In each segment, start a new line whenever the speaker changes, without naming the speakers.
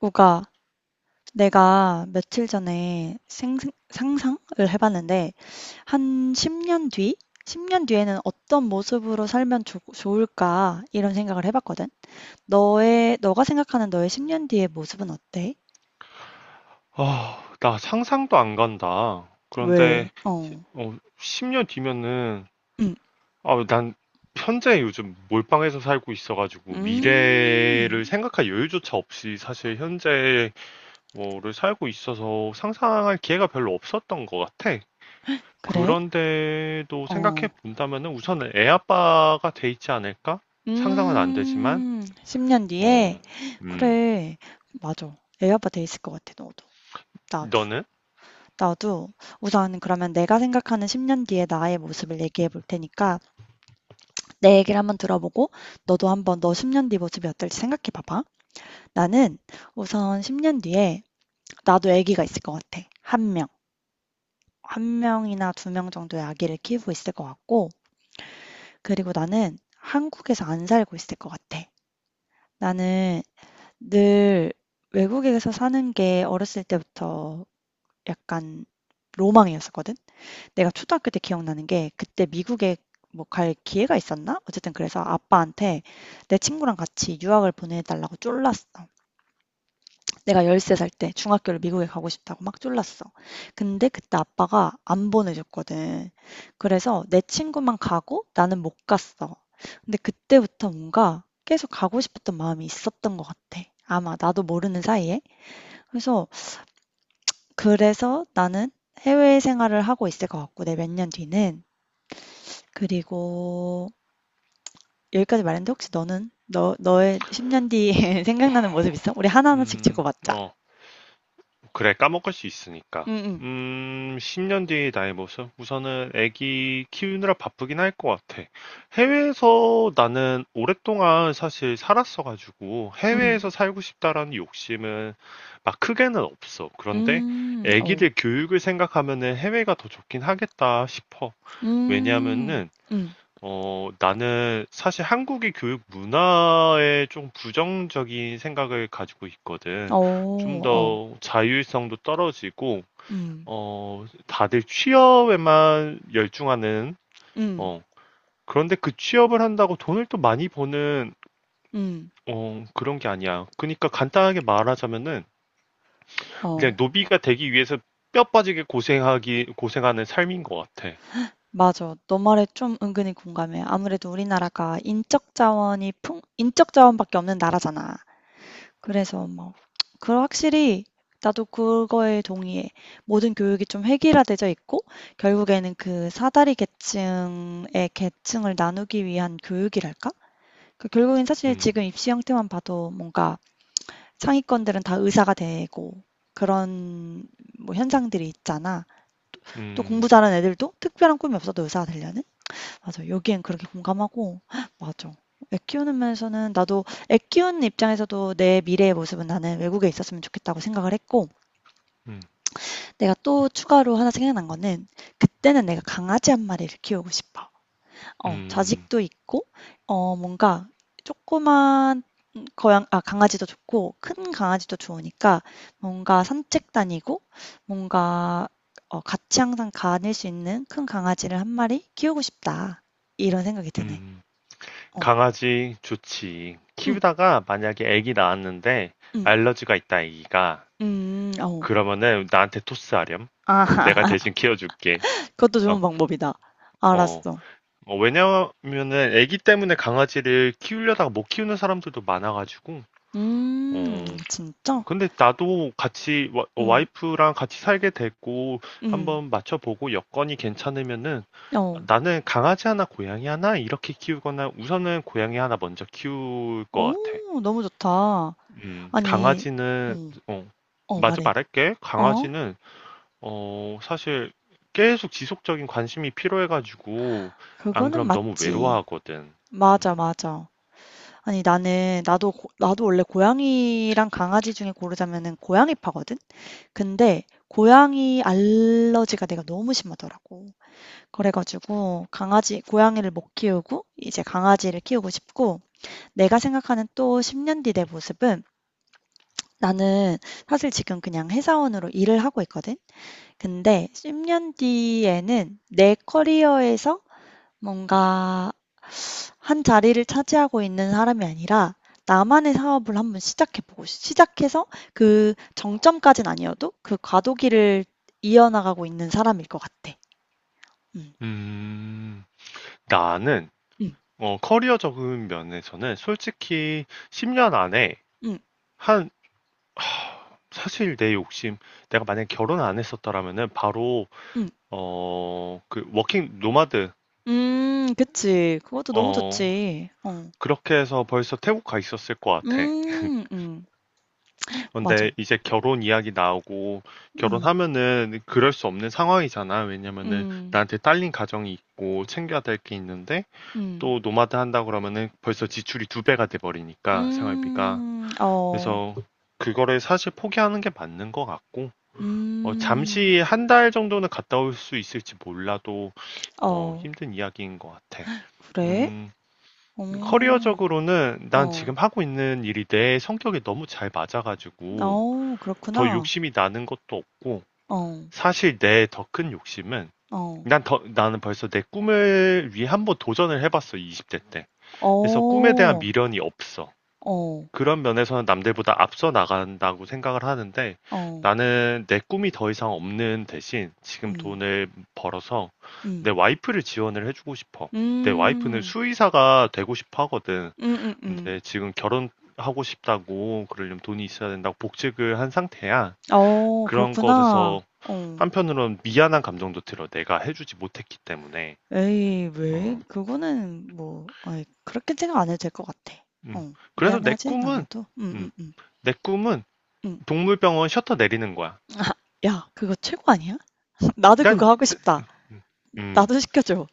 우가, 내가 며칠 전에 상상을 해봤는데, 한 10년 뒤? 10년 뒤에는 어떤 모습으로 살면 좋을까? 이런 생각을 해봤거든. 너가 생각하는 너의 10년 뒤의 모습은 어때?
아, 나 상상도 안 간다.
왜?
그런데,
어,
10년 뒤면은,
음,
아, 난 현재 요즘 몰빵해서 살고 있어가지고,
음,
미래를 생각할 여유조차 없이 사실 현재 뭐를 살고 있어서 상상할 기회가 별로 없었던 것 같아.
그래?
그런데도 생각해
어,
본다면은 우선은 애 아빠가 돼 있지 않을까? 상상은 안 되지만,
10년 뒤에?
어, 음,
그래, 맞아. 애 아빠 돼 있을 것 같아, 너도. 나도.
너는?
나도 우선 그러면 내가 생각하는 10년 뒤의 나의 모습을 얘기해 볼 테니까 내 얘기를 한번 들어보고 너도 한번 너 10년 뒤 모습이 어떨지 생각해 봐봐. 나는 우선 10년 뒤에 나도 아기가 있을 것 같아. 한 명. 한 명이나 두 명 정도의 아기를 키우고 있을 것 같고, 그리고 나는 한국에서 안 살고 있을 것 같아. 나는 늘 외국에서 사는 게 어렸을 때부터 약간 로망이었었거든. 내가 초등학교 때 기억나는 게 그때 미국에 뭐 갈 기회가 있었나? 어쨌든 그래서 아빠한테 내 친구랑 같이 유학을 보내달라고 쫄랐어. 내가 13살 때 중학교를 미국에 가고 싶다고 막 쫄랐어. 근데 그때 아빠가 안 보내줬거든. 그래서 내 친구만 가고 나는 못 갔어. 근데 그때부터 뭔가 계속 가고 싶었던 마음이 있었던 것 같아. 아마 나도 모르는 사이에. 그래서 그래서 나는 해외 생활을 하고 있을 것 같고 내 몇 년 뒤는, 그리고 여기까지 말했는데 혹시 너는 너 너의 10년 뒤에 생각나는 모습 있어? 우리 하나하나씩 적어봤자.
어. 그래, 까먹을 수 있으니까.
응, 응,
10년 뒤의 나의 모습? 우선은 애기 키우느라 바쁘긴 할 것 같아. 해외에서 나는 오랫동안 사실 살았어가지고
응,
해외에서 살고 싶다라는 욕심은 막 크게는 없어. 그런데
어,
애기들 교육을 생각하면은 해외가 더 좋긴 하겠다 싶어.
음,
왜냐하면은
응,
나는 사실 한국의 교육 문화에 좀 부정적인 생각을 가지고
어,
있거든. 좀
어,
더 자율성도 떨어지고,
음,
다들 취업에만 열중하는,
음,
어, 그런데 그 취업을 한다고 돈을 또 많이 버는,
음,
그런 게 아니야. 그러니까 간단하게 말하자면은, 그냥
어,
노비가 되기 위해서 뼈 빠지게 고생하는 삶인 것 같아.
맞아. 너 말에 좀 은근히 공감해. 아무래도 우리나라가 인적 자원이 인적 자원밖에 없는 나라잖아. 그래서 뭐 그 확실히 나도 그거에 동의해. 모든 교육이 좀 획일화되어 있고 결국에는 그 사다리 계층의 계층을 나누기 위한 교육이랄까? 그 결국엔 사실
음.
지금 입시 형태만 봐도 뭔가 상위권들은 다 의사가 되고 그런 뭐 현상들이 있잖아. 또
음.
공부 잘하는 애들도 특별한 꿈이 없어도 의사가 되려는? 맞아. 여기엔 그렇게 공감하고 맞아. 애 키우는 면에서는 나도 애 키우는 입장에서도 내 미래의 모습은 나는 외국에 있었으면 좋겠다고 생각을 했고
음.
내가 또 추가로 하나 생각난 거는 그때는 내가 강아지 한 마리를 키우고 싶어. 어,
음.
자식도 있고 어, 뭔가 조그만, 고양 아 강아지도 좋고 큰 강아지도 좋으니까 뭔가 산책 다니고 뭔가 어 같이 항상 가닐 수 있는 큰 강아지를 한 마리 키우고 싶다. 이런 생각이 드네.
음.
어.
강아지 좋지.
응,
키우다가 만약에 아기 낳았는데
응,
알러지가 있다 아기가
어.
그러면은 나한테 토스하렴. 내가
아,
대신 키워줄게.
그것도
어,
좋은 방법이다.
어.
알았어.
왜냐면은 아기 때문에 강아지를 키우려다가 못 키우는 사람들도 많아가지고. 어,
진짜?
근데 나도 같이
응,
와이프랑 같이 살게 됐고
응,
한번 맞춰보고 여건이 괜찮으면은
어.
나는 강아지 하나 고양이 하나 이렇게 키우거나 우선은 고양이 하나 먼저 키울 것 같아.
오, 너무 좋다. 아니, 어,
강아지는, 어,
어,
맞아
말해.
말할게.
어?
강아지는, 사실 계속 지속적인 관심이 필요해가지고, 안
그거는
그럼 너무
맞지.
외로워하거든.
맞아,
음,
맞아. 아니, 나도 원래 고양이랑 강아지 중에 고르자면은 고양이파거든? 근데, 고양이 알러지가 내가 너무 심하더라고. 그래가지고 고양이를 못 키우고 이제 강아지를 키우고 싶고 내가 생각하는 또 10년 뒤 내 모습은, 나는 사실 지금 그냥 회사원으로 일을 하고 있거든. 근데 10년 뒤에는 내 커리어에서 뭔가 한 자리를 차지하고 있는 사람이 아니라 나만의 사업을 한번 시작해보고 시작해서 그 정점까지는 아니어도 그 과도기를 이어나가고 있는 사람일 것 같아. 응
음, 나는,
응
커리어적인 면에서는 솔직히 10년 안에
응
한, 사실 내 욕심, 내가 만약에 결혼 안 했었더라면은 바로,
응
그, 워킹 노마드,
음, 그치. 그것도 너무
어,
좋지. 어.
그렇게 해서 벌써 태국 가 있었을 것 같아.
음, 맞아.
근데 이제 결혼 이야기 나오고
음.
결혼하면은 그럴 수 없는 상황이잖아. 왜냐면은
음.
나한테 딸린 가정이 있고 챙겨야 될 게 있는데
음.
또 노마드 한다 그러면은 벌써 지출이 두 배가 돼 버리니까 생활비가.
음. 어.
그래서 그거를 사실 포기하는 게 맞는 것 같고
음.
잠시 한 달 정도는 갔다 올 수 있을지 몰라도
어.
힘든 이야기인 것 같아.
그래?
음,
어.
커리어적으로는 난
어.
지금 하고 있는 일이 내 성격에 너무 잘 맞아가지고
어,
더
그렇구나.
욕심이 나는 것도 없고
어.
사실 내 더 큰 욕심은
어.
나는 벌써 내 꿈을 위해 한번 도전을 해봤어, 20대 때. 그래서 꿈에 대한
어.
미련이 없어.
어.
그런 면에서는 남들보다 앞서 나간다고 생각을 하는데
어.
나는 내 꿈이 더 이상 없는 대신 지금
음.
돈을 벌어서
음.
내 와이프를 지원을 해주고 싶어. 내 와이프는
음.
수의사가 되고 싶어 하거든.
음음음.
근데 지금 결혼하고 싶다고 그러려면 돈이 있어야 된다고 복직을 한 상태야.
어,
그런
그렇구나.
것에서
어.
한편으로는 미안한 감정도 들어. 내가 해주지 못했기 때문에.
에이,
어.
왜? 그거는 뭐 아이 그렇게 생각 안 해도 될 것 같아.
음.
어.
그래서
미안해하진 않아도. 응응응,
음,
응.
내 꿈은
응, 응.
동물병원 셔터 내리는 거야.
아, 야 그거 최고 아니야? 나도 그거
난,
하고 싶다.
음,
나도 시켜줘.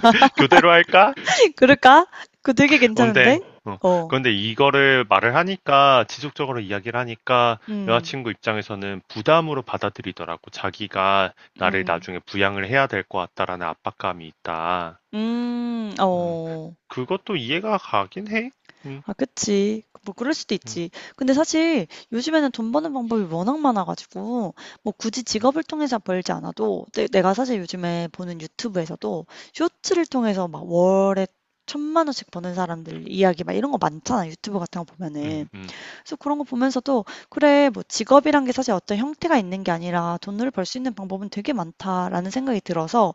교대로 할까?
그럴까? 그거 되게 괜찮은데?
근데, 어,
어.
그런데 이거를 말을 하니까, 지속적으로 이야기를 하니까,
음.
여자친구 입장에서는 부담으로 받아들이더라고. 자기가 나를
음.
나중에 부양을 해야 될 것 같다라는 압박감이 있다.
음.
음.
어.
그것도 이해가 가긴 해. 음.
아, 그치. 뭐, 그럴 수도
음.
있지. 근데 사실 요즘에는 돈 버는 방법이 워낙 많아가지고, 뭐, 굳이 직업을 통해서 벌지 않아도, 내가 사실 요즘에 보는 유튜브에서도 쇼츠를 통해서 막 월에 천만 원씩 버는 사람들 이야기 막 이런 거 많잖아. 유튜브 같은 거 보면은.
음. 음.
그래서 그런 거 보면서도, 그래, 뭐, 직업이란 게 사실 어떤 형태가 있는 게 아니라 돈을 벌 수 있는 방법은 되게 많다라는 생각이 들어서,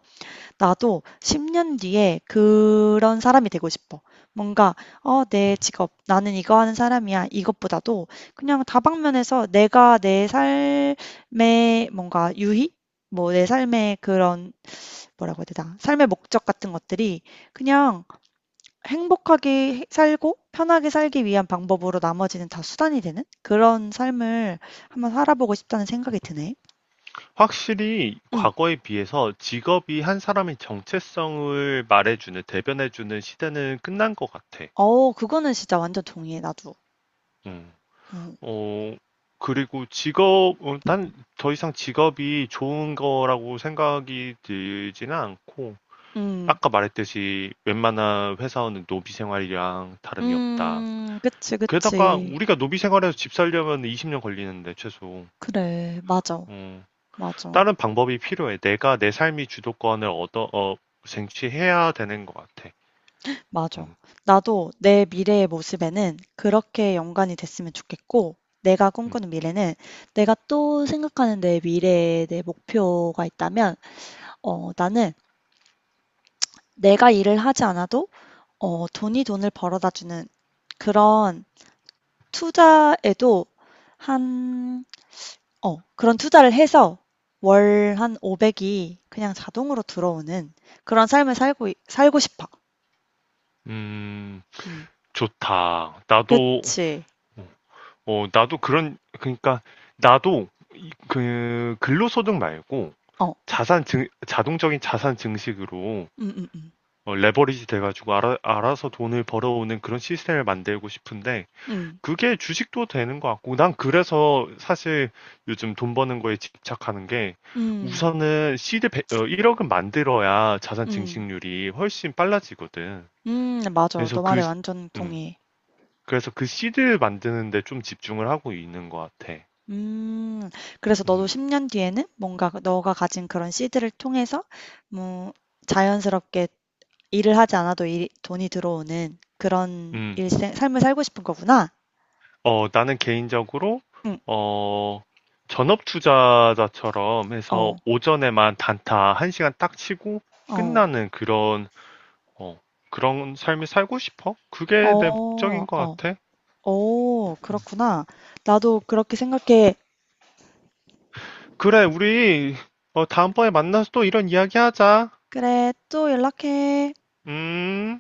나도 10년 뒤에 그런 사람이 되고 싶어. 뭔가, 어, 내 직업, 나는 이거 하는 사람이야. 이것보다도 그냥 다방면에서 내가 내 삶의 뭔가 유희? 뭐 내 삶의 그런, 뭐라고 해야 되나? 삶의 목적 같은 것들이 그냥 행복하게 살고 편하게 살기 위한 방법으로 나머지는 다 수단이 되는 그런 삶을 한번 살아보고 싶다는 생각이 드네.
확실히
응.
과거에 비해서 직업이 한 사람의 정체성을 말해주는, 대변해주는 시대는 끝난 것 같아.
어, 그거는 진짜 완전 동의해, 나도.
음.
어.
어, 그리고 직업, 난더 이상 직업이 좋은 거라고 생각이 들지는 않고,
음.
아까 말했듯이 웬만한 회사원은 노비 생활이랑 다름이 없다.
그치,
게다가
그치.
우리가 노비 생활에서 집 살려면 20년 걸리는데, 최소.
그래, 맞아,
음.
맞아,
다른 방법이 필요해. 내가 내 삶의 주도권을 쟁취해야 되는 것 같아.
맞아.
음.
나도 내 미래의 모습에는 그렇게 연관이 됐으면 좋겠고, 내가
음,
꿈꾸는 미래는, 내가 또 생각하는 내 미래의 내 목표가 있다면, 어, 나는 내가 일을 하지 않아도, 어, 돈이 돈을 벌어다 주는 그런 투자에도 한 어, 그런 투자를 해서 월 한 500이 그냥 자동으로 들어오는 그런 삶을 살고 싶어.
음,
음,
좋다. 나도
그치.
어 나도 그런 그러니까 나도 이- 그 근로소득 말고
어,
자산 증 자동적인 자산 증식으로
음, 음, 음,
레버리지 돼가지고 알아서 돈을 벌어오는 그런 시스템을 만들고 싶은데
음,
그게 주식도 되는 것 같고, 난 그래서 사실 요즘 돈 버는 거에 집착하는 게,
음,
우선은 시드 1 억은 만들어야 자산
음,
증식률이 훨씬 빨라지거든.
맞아.
그래서
너 말에
그, 시-
완전
음,
동의해.
그래서 그 시드를 만드는데 좀 집중을 하고 있는 것 같아.
음, 그래서
음.
너도 10년 뒤에는 뭔가 너가 가진 그런 씨드를 통해서 뭐 자연스럽게 일을 하지 않아도, 돈이 들어오는 그런
음.
삶을 살고 싶은 거구나.
나는 개인적으로,
응,
어, 전업 투자자처럼 해서
어,
오전에만 단타 1시간 딱 치고
어,
끝나는 어, 그런 삶이 살고 싶어? 그게 내
어,
목적인 것
어.
같아.
어,
음.
그렇구나. 나도 그렇게 생각해.
그래, 우리, 다음번에 만나서 또 이런 이야기 하자.
그래, 또 연락해.
음.